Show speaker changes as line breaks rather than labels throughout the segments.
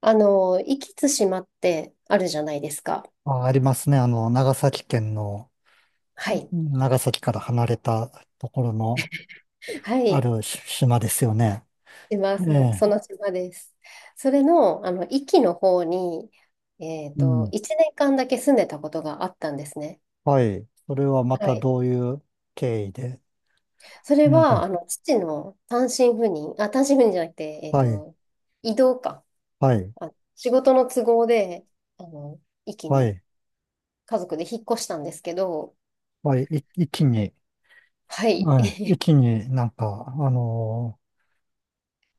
壱岐対馬ってあるじゃないですか。
あ、ありますね。長崎県の、
はい。
長崎から離れたところの
は
あ
い。
るし島ですよね。
島、
え
その、そ
え。
の島です。それの、壱岐の方に、
うん。
1年間だけ住んでたことがあったんですね。
はい。それはま
は
た
い。
どういう経緯で、
それ
なん
は、
か、
父の単身赴任、あ、単身赴任じゃなくて、
はい、
移動か。
はい、
あ、仕事の都合で、あの、壱岐
は
に
い、
家族で引っ越したんですけど、
はい、一気に、
はい。
はい、一気になんか、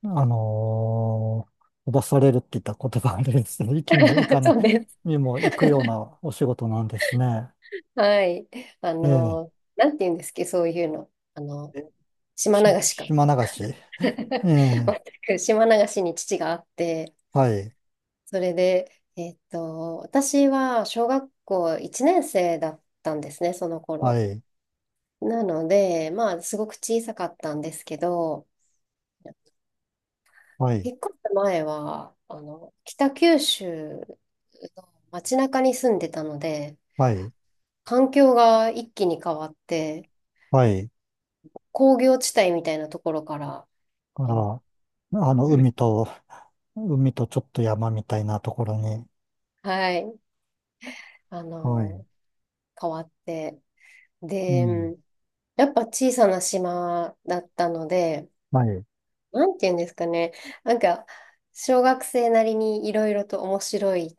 あのー飛ばされるって言ったら言葉あれですけど、一気に行か ない
そうです。
にも行くようなお仕事なんですね。
はい。
ええ。
なんて言うんですっけ、そういうの。
え
島流しか。
島流し。え
全
え。
く島流しに父があって、
はい、
それで、私は小学校1年生だったんですね、その
は
頃。
い、
なので、まあ、すごく小さかったんですけど、
はい、
引っ越す前は、北九州の街中に住んでたので、
はい、
環境が一気に変わって、
はい。
工業地帯みたいなところから、
か
あの
ら、あの、
うん、
海と、海とちょっと山みたいなところに。
はい。あ
はい、
の、変わって。
う
で、
ん、
やっぱ小さな島だったので、
はい。
なんて言うんですかね。なんか、小学生なりにいろいろと面白い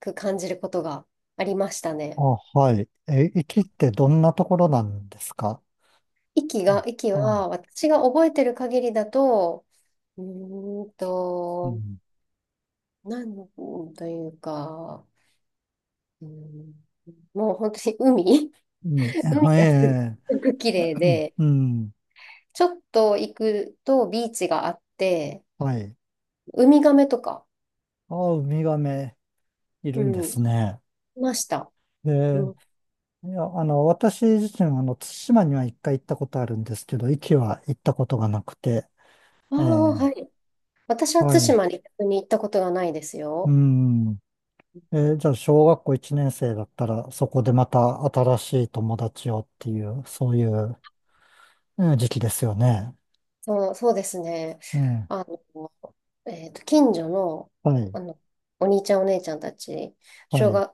く感じることがありました
あ、
ね。
はい。え、行きってどんなところなんですか？
息が、
あ、
息
あ、
は、私が覚えてる限りだと、うーん
う
と、
ん。
なんというか、うーんもう本当に海、
海、
海
は
がす
え
ごく綺麗で、
うん、
ちょっと行くとビーチがあって、
はい。
ウミガメとか、
あ、ウミガメい
う
るんで
ん、
すね。
いました。う
で、
ん、
いや、私自身は、対馬には一回行ったことあるんですけど、壱岐は行ったことがなくて、
ああ、
え
は
え
い。私は
は
対
い。
馬に逆に行ったことがないです
う
よ。
ん。じゃあ、小学校1年生だったら、そこでまた新しい友達をっていう、そういう、時期ですよね。
そう、そうですね。
ええ
あの、近所の、
はい、
あの、お兄ちゃんお姉ちゃんたち、
は
小
い、
学、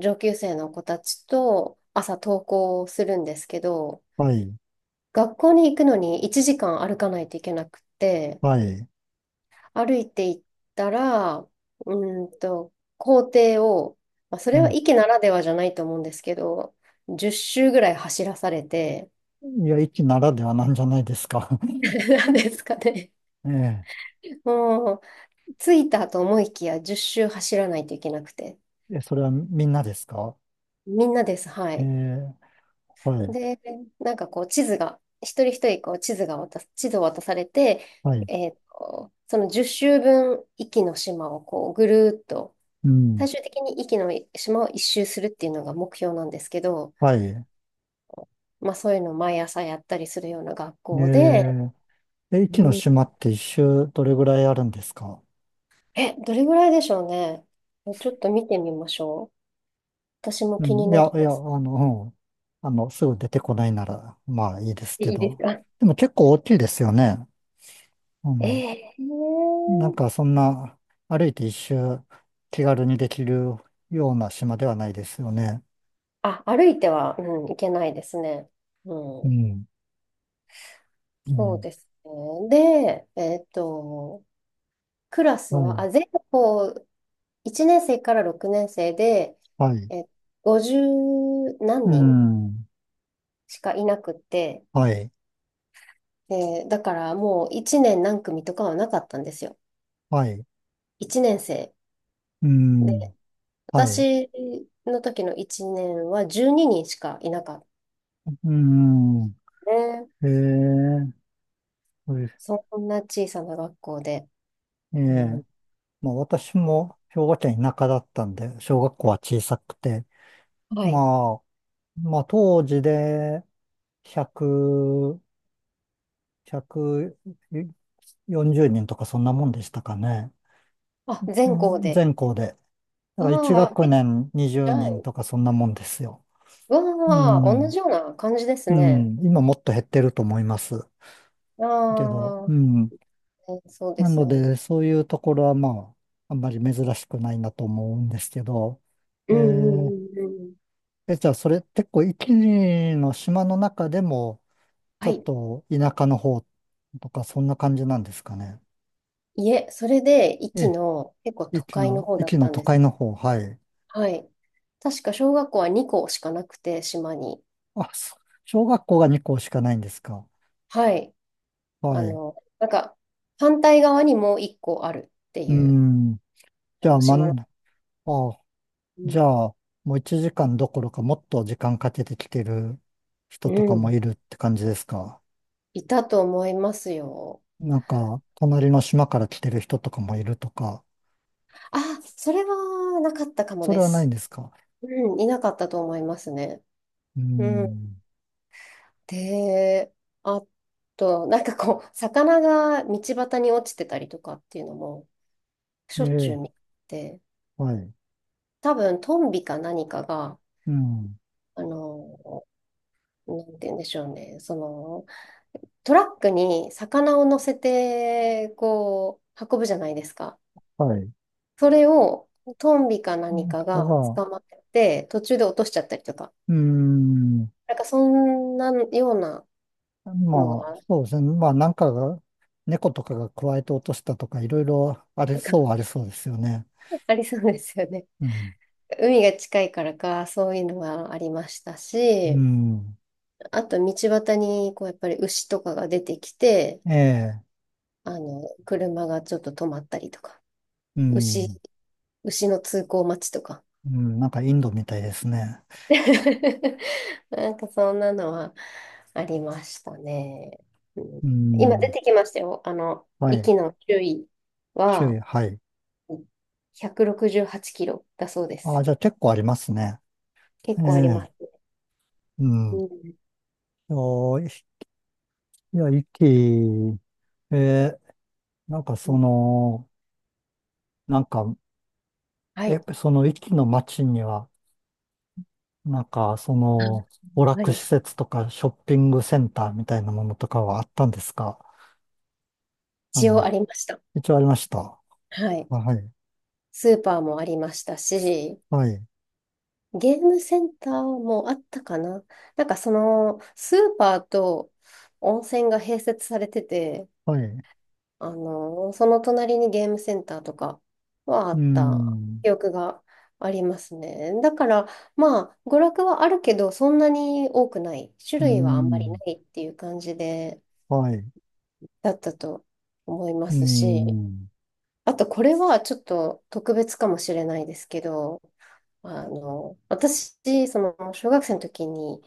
上級生の子たちと朝登校するんですけど、
はい、
学校に行くのに1時間歩かないといけなくって、
はい。
歩いていったら、校庭を、まあ、そ
う
れは
ん
駅ならではじゃないと思うんですけど、10周ぐらい走らされて、
いや、一ならではなんじゃないですか。
なんですかね。
え
もう、着いたと思いきや10周走らないといけなくて。
ええ、それはみんなですか？
みんなです、は
え
い。
えはい、
で、なんかこう、地図が、一人一人こう、地図を渡されて、
はい、
その10周分、壱岐の島をこう、ぐるーっと、
うん、
最終的に壱岐の島を一周するっていうのが目標なんですけど、
はい。
まあそういうのを毎朝やったりするような学
え
校で、
ええ、一の
うん。
島って一周どれぐらいあるんですか？
どれぐらいでしょうね。ちょっと見てみましょう。私も
う
気に
ん、い
な
や、
り
い
ま
や、
す。
うん、すぐ出てこないなら、まあいいですけ
いいです
ど。
か？
でも結構大きいですよね。あの、
ええ。
なんかそんな、歩いて一周気軽にできるような島ではないですよね。
歩いては、うん、いけないですね。
う
うん、
ん。
そう
ね
ですね。で、クラス
は
は、
い。
全校1年生から6年生で、
はい。
え、50
う
何人
ん。
しかいなくって、
はい。
で、だからもう1年何組とかはなかったんですよ。
はい。
1年生。
うん。
で、
はい。
私の時の1年は12人しかいなかっ
うん。
たね。
へえ。そうです
そんな小さな学校で。
え
うん、
え。まあ私も兵庫県田舎だったんで、小学校は小さくて、
はい。
まあ、まあ、当時で100、140人とかそんなもんでしたかね。う
全校
ん
で。
全校で。だか
あ
ら1
あ、
学年20
じゃあ、
人とかそんなもんですよ。う
わあ、同じ
ん。
ような感じです
う
ね。
ん。今もっと減ってると思います。けど、
ああ、
うん。
そうで
な
す
の
よね。
で、そういうところはまあ、あんまり珍しくないなと思うんですけど、え
うん、う
ー
ん、うん、うん。
え、じゃあそれ結構一時の島の中でも、ち
は
ょっ
い。
と田舎の方とか、そんな感じなんですかね。
いえ、それで、壱
え
岐
え、
の結構都
駅
会の
の、
方だっ
駅の
たん
都
です。
会の方、はい。
はい。確か小学校は2校しかなくて、島に。
あ、小学校が2校しかないんですか？
はい。
はい。
なんか、反対側にもう一個あるって
う
いう、
ん。じ
あ
ゃあ、
の
ま
島
ん、
の、
あ、
う
じ
ん、
ゃあ、もう1時間どころかもっと時間かけてきてる人
う
とかも
ん、
いるって感じですか？
いたと思いますよ。
なんか、隣の島から来てる人とかもいるとか、
あ、それはなかったかも
それ
で
はないん
す。
ですか？
うん、いなかったと思いますね。
う
うん。
ん。
で、あと、なんかこう、魚が道端に落ちてたりとかっていうのも、し
え
ょっちゅう
え、
見て、
はい。
多分、トンビか何かが、
うん。
あの、なんて言うんでしょうね、トラックに魚を乗せて、こう、運ぶじゃないですか。
はい。だ
それをトンビか何か
か
が
ら、
捕まってて、途中で落としちゃったりとか。
うん。
なんかそんなようなの
まあ、
が、
そうですね。まあ、なんかが、猫とかが加えて落としたとか、いろいろあり
なんか
そうはありそうですよね。
ありそうですよね。
うん。
海が近いからか、そういうのがありました
う
し、
ん。
あと道端に、こう、やっぱり牛とかが出てきて、
ええ。
車がちょっと止まったりとか、
う
牛、
ん。
牛の通行待ちとか。
うん。なんかインドみたいですね。
なんかそんなのはありましたね。うん、
う
今出
ん。
てきましたよ。
はい。
息の周囲
種
は
類、はい。
168キロだそうで
ああ、
す。
じゃあ結構ありますね。え
結構ありま
え。
すね。
う
う
ん。
ん、
おいや、息、ええ、なんか
う
そ
ん、
の、なんか、
はい。
その息の街には、なんか、その、娯
は
楽
い。
施設とかショッピングセンターみたいなものとかはあったんですか？あ
一応あ
の、
りました。
一応ありました。
はい。
あはい、
スーパーもありましたし、
はい、
ゲームセンターもあったかな。なんかその、スーパーと温泉が併設されてて、
はい。う
その隣にゲームセンターとかはあ
ー
った
ん、
記憶がありますね。だから、まあ、娯楽はあるけど、そんなに多くない。種
うー
類はあんまりな
ん、
いっていう感じで、
はい、う
だったと思いま
ー
すし、
ん、
あと、これはちょっと特別かもしれないですけど、私、小学生の時に、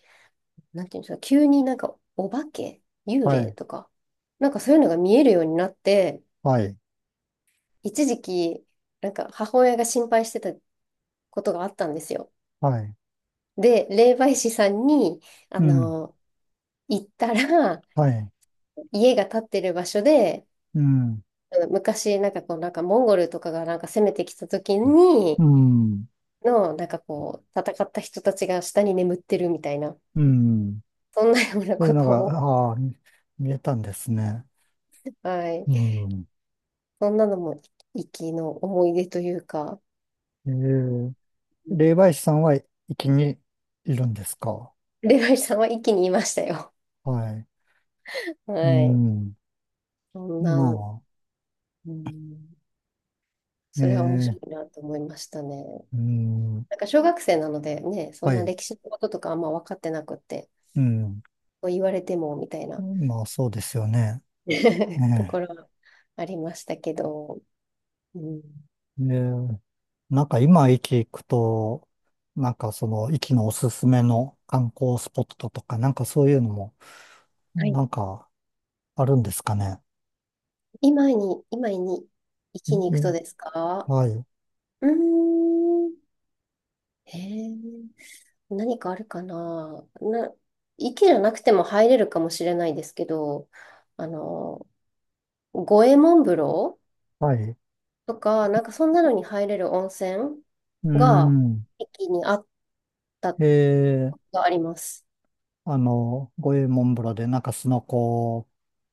なんていうんですか、急になんか、お化け、幽
は
霊
い、
とか、なんかそういうのが見えるようになって、
はい、
一時期、なんか母親が心配してたことがあったんですよ。
はい、
で、霊媒師さんに、あ
うん、
の、行ったら、
はい、
家が建ってる場所で、
うん、
昔、なんかこう、なんかモンゴルとかがなんか攻めてきた時
う
に、
ん、
なんかこう、戦った人たちが下に眠ってるみたいな、
うん。
そんなような
そうい
こ
うの
と
が、
を、
ああ、見えたんですね。
は
う
い。
ん。
そんなのも、息の思い出というか、
えー、霊媒師さんは、きにいるんですか？
霊媒師さんは息にいましたよ。
はい。
は
う
い。
ん。
そん
ま
な、うん、
あ、え
それは面白い
え、
なと思いましたね。
うん、
なんか小学生なのでね、そん
は
な
い、
歴史のこととかあんま分かってなくって、
うん。
こう言われてもみたいな
まあ、そうですよね。え
とこ
え、
ろはありましたけど、うん、
でなんか今、駅行くと、なんかその、駅のおすすめの観光スポットとか、なんかそういうのも、
はい。
なんかあるんですかね。
今に生
い
き
い
に行くとですか？
はい、
うーん。へえ、何かあるかな。池じゃなくても入れるかもしれないですけど、あの、五右衛門風呂
はい。
とか、なんかそんなのに入れる温泉
う
が
ん、
駅にあった
ええ、
があります。
五右衛門風呂でなんかスノコを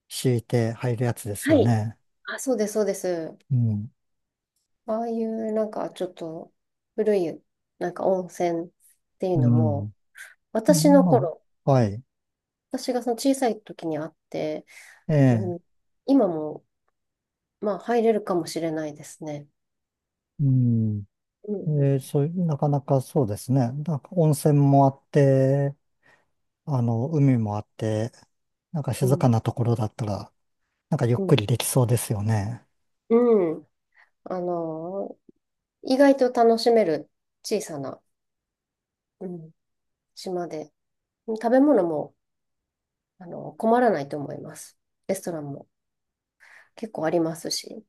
敷いて入るやつです
は
よ
い。
ね。
あ、そうです、そうです。
うん、
ああいうなんかちょっと古いなんか温泉っていう
う
の
ん。
も、私の
ま
頃、
あ、はい。
私がその小さい時にあって、
え
うん、
え
今もまあ入れるかもしれないですね。
うん。
うん、
そういう、なかなかそうですね。なんか温泉もあって、海もあって、なんか
う
静
ん、
かなところだったら、なんかゆっ
う
く
ん、
りできそうですよね。
うん、あのー意外と楽しめる小さな、うん、島で、食べ物も困らないと思います。レストランも結構ありますし。